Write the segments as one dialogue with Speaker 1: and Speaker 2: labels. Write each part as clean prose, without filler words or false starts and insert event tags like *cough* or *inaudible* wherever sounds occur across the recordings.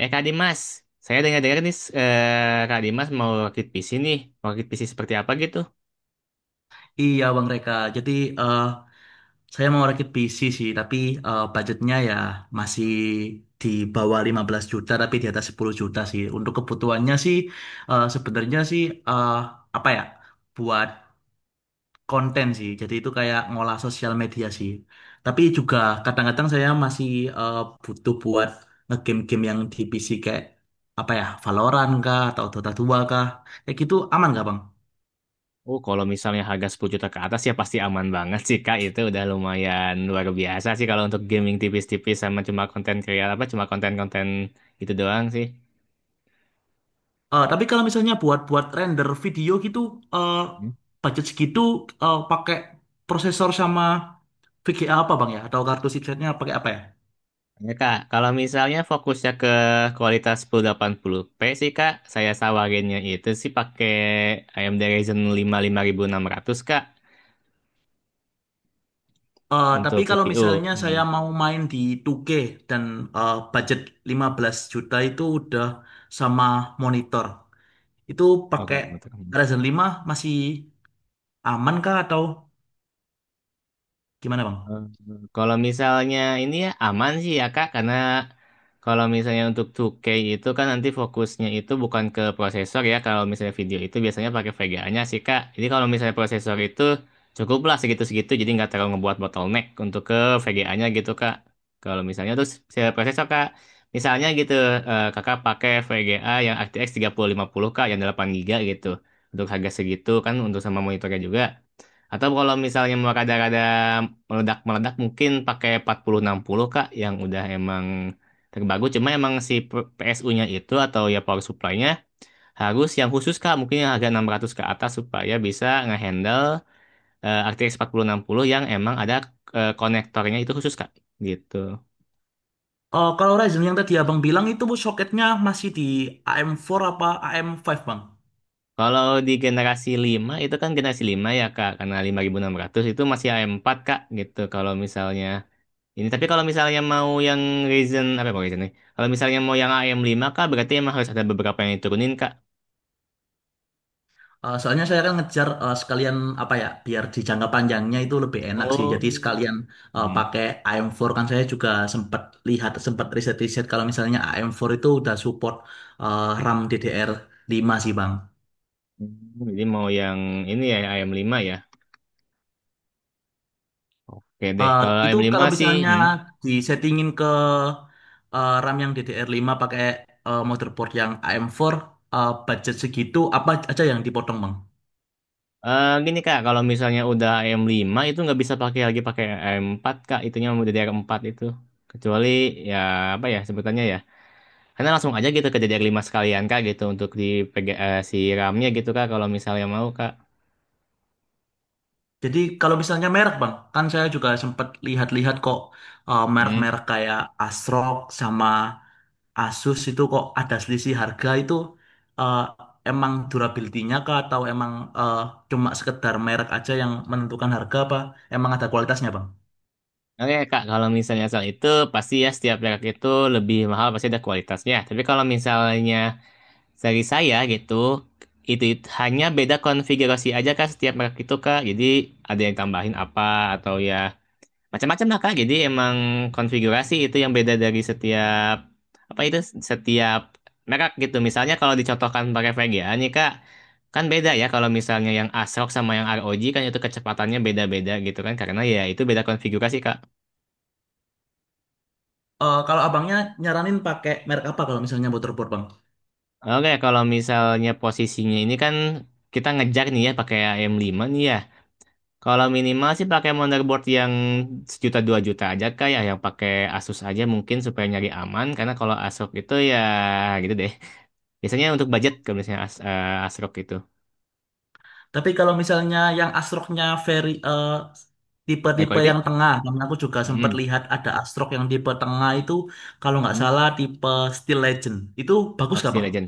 Speaker 1: Eh Kak Dimas, saya dengar-dengar nih Kak Dimas mau rakit PC nih. Mau rakit PC seperti apa gitu?
Speaker 2: Iya Bang Reka, jadi eh, saya mau rakit PC sih, tapi budgetnya ya masih di bawah 15 juta, tapi di atas 10 juta sih. Untuk kebutuhannya sih, sebenarnya sih, eh, apa ya, buat konten sih. Jadi itu kayak ngolah sosial media sih. Tapi juga
Speaker 1: Mhm.
Speaker 2: kadang-kadang saya masih eh, butuh buat nge-game-game yang di PC kayak, apa ya, Valorant kah, atau Dota 2 kah. Kayak gitu aman nggak Bang?
Speaker 1: Oh, kalau misalnya harga 10 juta ke atas ya pasti aman banget sih Kak. Itu udah lumayan luar biasa sih kalau untuk gaming tipis-tipis sama cuma konten kreatif apa cuma konten-konten itu doang sih.
Speaker 2: Tapi kalau misalnya buat-buat render video gitu, eh,
Speaker 1: Mhm.
Speaker 2: budget segitu pakai prosesor sama VGA apa bang ya? Atau kartu chipsetnya pakai apa ya?
Speaker 1: Ya Kak, kalau misalnya fokusnya ke kualitas 1080p sih Kak, saya sawarinnya itu sih pakai AMD Ryzen lima 5600 Kak untuk
Speaker 2: Tapi kalau
Speaker 1: CPU.
Speaker 2: misalnya
Speaker 1: Hmm.
Speaker 2: saya mau main di 2K dan budget 15 juta itu udah sama monitor, itu
Speaker 1: Oke,
Speaker 2: pakai
Speaker 1: betul.
Speaker 2: Ryzen 5 masih aman kah atau gimana bang?
Speaker 1: Eh, Kalau misalnya ini ya aman sih ya Kak, karena kalau misalnya untuk 2K itu kan nanti fokusnya itu bukan ke prosesor ya, kalau misalnya video itu biasanya pakai VGA-nya sih Kak. Jadi kalau misalnya prosesor itu cukuplah segitu-segitu, jadi nggak terlalu ngebuat bottleneck untuk ke VGA-nya gitu Kak. Kalau misalnya terus misalnya prosesor Kak, misalnya gitu Kakak pakai VGA yang RTX 3050 Kak, yang 8 GB gitu, untuk harga segitu kan untuk sama monitornya juga. Atau kalau misalnya mau rada-rada meledak-meledak mungkin pakai 4060 Kak yang udah emang terbaru cuma emang si PSU-nya itu atau ya power supply-nya harus yang khusus Kak mungkin yang harga 600 ke atas supaya bisa ngehandle RTX 4060 yang emang ada konektornya itu khusus Kak gitu.
Speaker 2: Kalau Ryzen yang tadi abang bilang itu soketnya masih di AM4 apa AM5 bang?
Speaker 1: Kalau di generasi 5 itu kan generasi 5 ya Kak karena 5600 itu masih A4 Kak gitu kalau misalnya ini tapi kalau misalnya mau yang Ryzen apa ya, Ryzen nih? Kalau misalnya mau yang am lima, Kak, berarti emang harus ada beberapa yang diturunin Kak.
Speaker 2: Soalnya saya kan ngejar sekalian apa ya biar di jangka panjangnya itu lebih enak sih. Jadi
Speaker 1: Oh.
Speaker 2: sekalian
Speaker 1: Hmm.
Speaker 2: pakai AM4 kan saya juga sempat lihat sempat riset-riset kalau misalnya AM4 itu udah support RAM DDR5 sih Bang.
Speaker 1: Hmm, jadi mau yang ini ya am lima ya. Oke deh,
Speaker 2: Eh,
Speaker 1: kalau
Speaker 2: itu
Speaker 1: am lima
Speaker 2: kalau
Speaker 1: sih
Speaker 2: misalnya
Speaker 1: hmm.
Speaker 2: disettingin ke RAM yang DDR5 pakai motherboard yang AM4 budget segitu apa aja yang dipotong Bang?
Speaker 1: Gini Kak, kalau misalnya udah am lima itu nggak bisa pakai lagi pakai am empat, Kak, itunya mau ddr empat itu. Kecuali ya apa ya sebutannya ya. Karena langsung aja gitu ke DDR5 sekalian Kak gitu untuk di PG, si RAM-nya gitu Kak kalau misalnya mau Kak.
Speaker 2: Jadi kalau misalnya merek bang, kan saya juga sempat lihat-lihat kok
Speaker 1: Hmm.
Speaker 2: merek-merek kayak Asrock sama Asus itu kok ada selisih harga itu eh, emang durability-nya kah atau emang eh, cuma sekedar merek aja yang menentukan harga apa emang ada kualitasnya bang?
Speaker 1: Oke Kak, kalau misalnya soal itu pasti ya setiap merek itu lebih mahal pasti ada kualitasnya. Tapi kalau misalnya dari saya gitu, itu hanya beda konfigurasi aja Kak setiap merek itu Kak. Jadi ada yang tambahin apa atau ya macam-macam lah Kak. Jadi emang konfigurasi itu yang beda dari setiap apa itu setiap merek gitu. Misalnya kalau dicontohkan pakai VGA nih Kak, kan beda ya kalau misalnya yang ASRock sama yang ROG kan itu kecepatannya beda-beda gitu kan karena ya itu beda konfigurasi Kak.
Speaker 2: Kalau abangnya nyaranin pakai merek apa kalau misalnya motherboard bang?
Speaker 1: Oke, kalau misalnya posisinya ini kan kita ngejar nih ya pakai am lima, nih ya. Kalau minimal sih pakai motherboard yang sejuta dua juta aja kayak yang pakai Asus aja mungkin supaya nyari aman karena kalau ASRock itu ya gitu deh. Biasanya untuk budget kalau misalnya ASRock itu.
Speaker 2: Tapi kalau misalnya yang astroknya very
Speaker 1: High
Speaker 2: tipe-tipe
Speaker 1: quality?
Speaker 2: yang tengah, karena aku juga sempat
Speaker 1: Hmm.
Speaker 2: lihat ada astrok yang tipe tengah itu kalau nggak
Speaker 1: Hmm.
Speaker 2: salah tipe Steel Legend. Itu bagus
Speaker 1: Oh,
Speaker 2: nggak
Speaker 1: Steel
Speaker 2: Bang?
Speaker 1: Legend.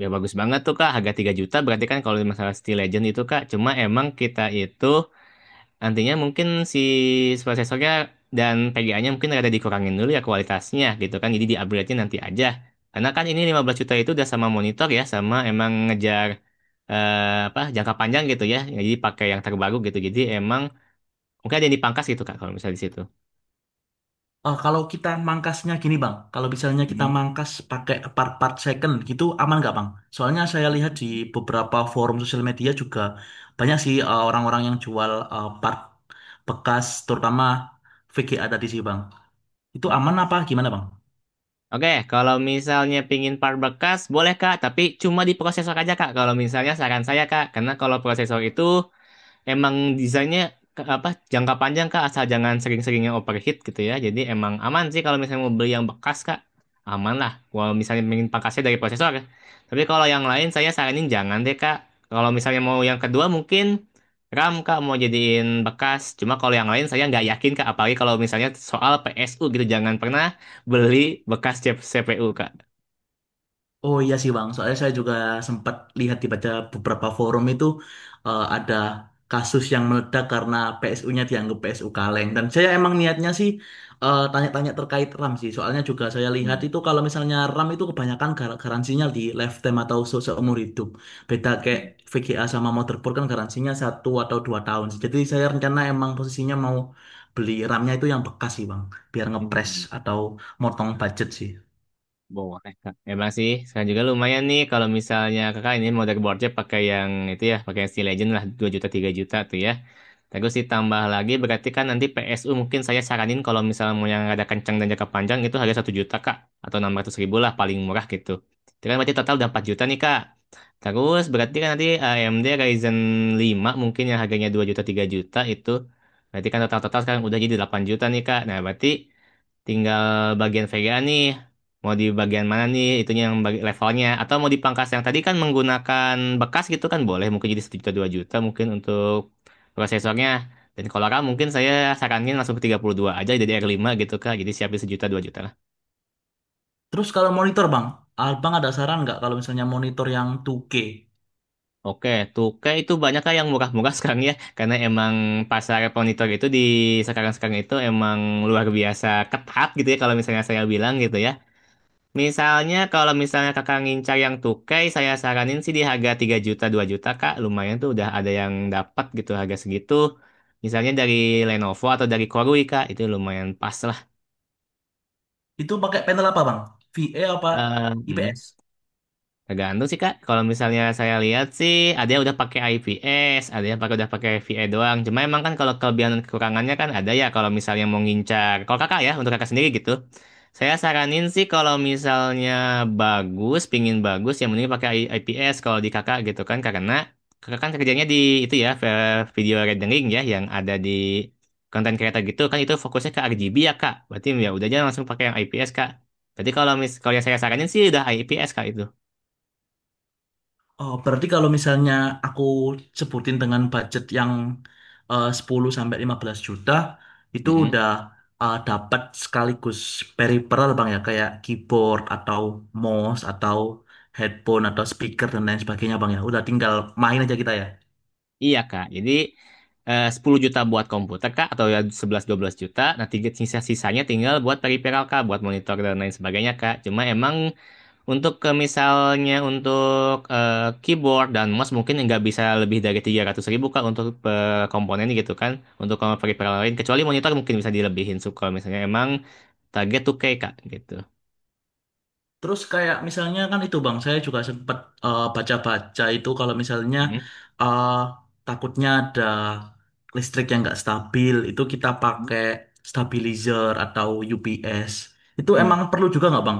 Speaker 1: Ya bagus banget tuh Kak, harga 3 juta berarti kan kalau masalah Steel Legend itu Kak, cuma emang kita itu nantinya mungkin si prosesornya dan PGA-nya mungkin ada dikurangin dulu ya kualitasnya gitu kan. Jadi di-upgrade-nya nanti aja. Karena kan ini 15 juta itu udah sama monitor ya, sama emang ngejar apa jangka panjang gitu ya. Jadi pakai yang terbaru gitu. Jadi emang mungkin ada yang dipangkas gitu Kak kalau misalnya di situ.
Speaker 2: Kalau kita mangkasnya gini Bang, kalau misalnya kita
Speaker 1: Mhm.
Speaker 2: mangkas pakai part-part second gitu aman nggak Bang? Soalnya saya lihat di beberapa forum sosial media juga banyak sih orang-orang yang jual part bekas terutama VGA tadi sih Bang. Itu aman
Speaker 1: Mhm.
Speaker 2: apa gimana Bang?
Speaker 1: Oke, kalau misalnya pingin part bekas, boleh Kak, tapi cuma di prosesor aja Kak. Kalau misalnya saran saya Kak, karena kalau prosesor itu emang desainnya apa jangka panjang kak asal jangan sering-sering yang overheat gitu ya jadi emang aman sih kalau misalnya mau beli yang bekas kak aman lah kalau misalnya pengen pakasnya dari prosesor tapi kalau yang lain saya saranin jangan deh kak kalau misalnya mau yang kedua mungkin RAM kak mau jadiin bekas cuma kalau yang lain saya nggak yakin kak apalagi kalau misalnya soal PSU gitu jangan pernah beli bekas CPU kak.
Speaker 2: Oh iya sih Bang, soalnya saya juga sempat lihat dibaca beberapa forum itu ada kasus yang meledak karena PSU-nya dianggap PSU kaleng. Dan saya emang niatnya sih tanya-tanya terkait RAM sih, soalnya juga saya lihat
Speaker 1: Hmm,
Speaker 2: itu kalau misalnya RAM itu kebanyakan garansinya di lifetime atau seumur hidup. Beda kayak
Speaker 1: hmm,
Speaker 2: VGA sama motherboard kan garansinya satu atau dua tahun sih. Jadi saya rencana emang posisinya mau beli RAM-nya itu yang bekas sih Bang, biar ngepres
Speaker 1: hmm.
Speaker 2: atau motong budget sih.
Speaker 1: Boleh, Kak. Emang sih, sekarang juga lumayan nih kalau misalnya kakak ini mau dartboardnya pakai yang itu ya, pakai yang Steel Legend lah, 2 juta, 3 juta tuh ya. Terus ditambah lagi, berarti kan nanti PSU mungkin saya saranin kalau misalnya mau yang ada kencang dan jangka panjang itu harga 1 juta, Kak. Atau 600 ribu lah, paling murah gitu. Itu kan berarti total udah 4 juta nih, Kak. Terus berarti kan nanti AMD Ryzen lima mungkin yang harganya 2 juta, 3 juta itu. Berarti kan total-total sekarang udah jadi 8 juta nih, Kak. Nah, berarti tinggal bagian Vega nih mau di bagian mana nih itunya yang bagi levelnya atau mau dipangkas yang tadi kan menggunakan bekas gitu kan boleh mungkin jadi 1 juta 2 juta mungkin untuk prosesornya dan kalau RAM mungkin saya saranin langsung ke 32 aja jadi r lima gitu kak jadi siapin sejuta 2 juta lah.
Speaker 2: Terus kalau monitor bang, abang ada saran nggak kalau misalnya monitor yang 2K
Speaker 1: Oke tuh kayak itu banyak kak yang murah-murah *laughs* sekarang ya karena emang pasar monitor itu di sekarang-sekarang itu emang luar biasa ketat gitu ya kalau misalnya saya bilang gitu ya. Misalnya kalau misalnya kakak ngincar yang tukai, saya saranin sih di harga 3 juta 2 juta kak, lumayan tuh udah ada yang dapat gitu harga segitu. Misalnya dari Lenovo atau dari Korui kak, itu lumayan pas lah.
Speaker 2: itu pakai panel apa bang? VA apa
Speaker 1: Hmm.
Speaker 2: IPS?
Speaker 1: Tergantung sih Kak. Kalau misalnya saya lihat sih ada yang udah pakai IPS, ada yang udah pakai VA doang. Cuma emang kan kalau kelebihan dan kekurangannya kan ada ya kalau misalnya mau ngincar. Kalau Kakak ya untuk Kakak sendiri gitu. Saya saranin sih kalau misalnya bagus, pingin bagus ya mending pakai IPS kalau di Kakak gitu kan karena Kakak kan kerjanya di itu ya video rendering ya yang ada di konten creator gitu kan itu fokusnya ke RGB ya Kak. Berarti ya udah aja langsung pakai yang IPS Kak. Jadi kalau yang saya saranin sih udah IPS Kak itu.
Speaker 2: Oh, berarti kalau misalnya aku sebutin dengan budget yang 10 sampai 15 juta itu
Speaker 1: Mm-mm.
Speaker 2: udah dapat sekaligus peripheral bang ya kayak keyboard atau mouse atau headphone atau speaker dan lain sebagainya bang ya. Udah tinggal main aja kita ya.
Speaker 1: Iya Kak, jadi 10 juta buat komputer Kak, atau ya 11 12 juta, nah tiga sisa-sisanya tinggal buat peripheral Kak, buat monitor dan lain sebagainya Kak. Cuma emang untuk ke misalnya untuk keyboard dan mouse mungkin nggak bisa lebih dari 300 ribu Kak untuk komponennya gitu kan, untuk kalau peripheral lain, kecuali monitor mungkin bisa dilebihin suka. Kalau misalnya emang target 2K Kak gitu.
Speaker 2: Terus kayak misalnya kan itu Bang, saya juga sempat baca-baca itu kalau misalnya eh, takutnya ada listrik yang nggak stabil, itu kita pakai stabilizer atau UPS. Itu
Speaker 1: mm
Speaker 2: emang perlu juga nggak Bang?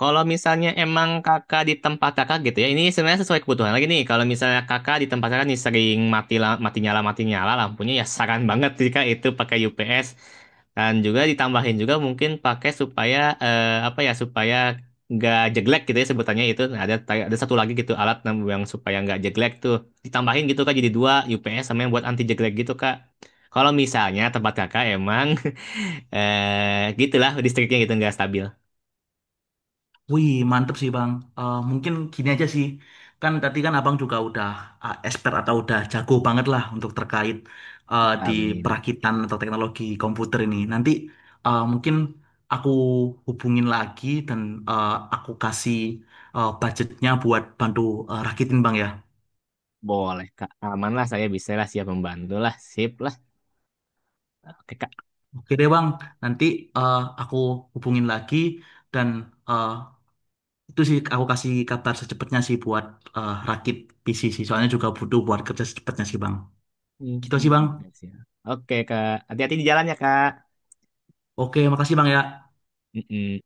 Speaker 1: Kalau misalnya emang kakak di tempat kakak gitu ya, ini sebenarnya sesuai kebutuhan lagi nih. Kalau misalnya kakak di tempat kakak nih sering mati nyala lampunya ya saran banget sih kak itu pakai UPS dan juga ditambahin juga mungkin pakai supaya apa ya supaya nggak jeglek gitu ya sebutannya itu. Nah, ada satu lagi gitu alat yang supaya nggak jeglek tuh ditambahin gitu kak jadi dua UPS sama yang buat anti jeglek gitu kak. Kalau misalnya tempat kakak emang *laughs* gitulah listriknya gitu nggak stabil.
Speaker 2: Wih, mantep sih Bang. Mungkin gini aja sih. Kan tadi kan Abang juga udah expert atau udah jago banget lah untuk terkait di
Speaker 1: Amin.
Speaker 2: perakitan atau teknologi komputer ini. Nanti mungkin aku hubungin lagi dan eh, aku kasih budgetnya buat bantu rakitin Bang ya.
Speaker 1: Boleh, Kak. Aman lah, saya bisa lah, siap membantu lah. Sip lah. Oke, Kak.
Speaker 2: Oke deh Bang, nanti aku hubungin lagi dan eh, itu sih aku kasih kabar secepatnya sih buat rakit PC sih. Soalnya juga butuh buat kerja secepatnya sih Bang. Gitu sih
Speaker 1: Hmm,
Speaker 2: Bang.
Speaker 1: oke, siap. Oke, Kak. Hati-hati di jalannya, Kak.
Speaker 2: Oke, makasih Bang ya.
Speaker 1: Mm-mm.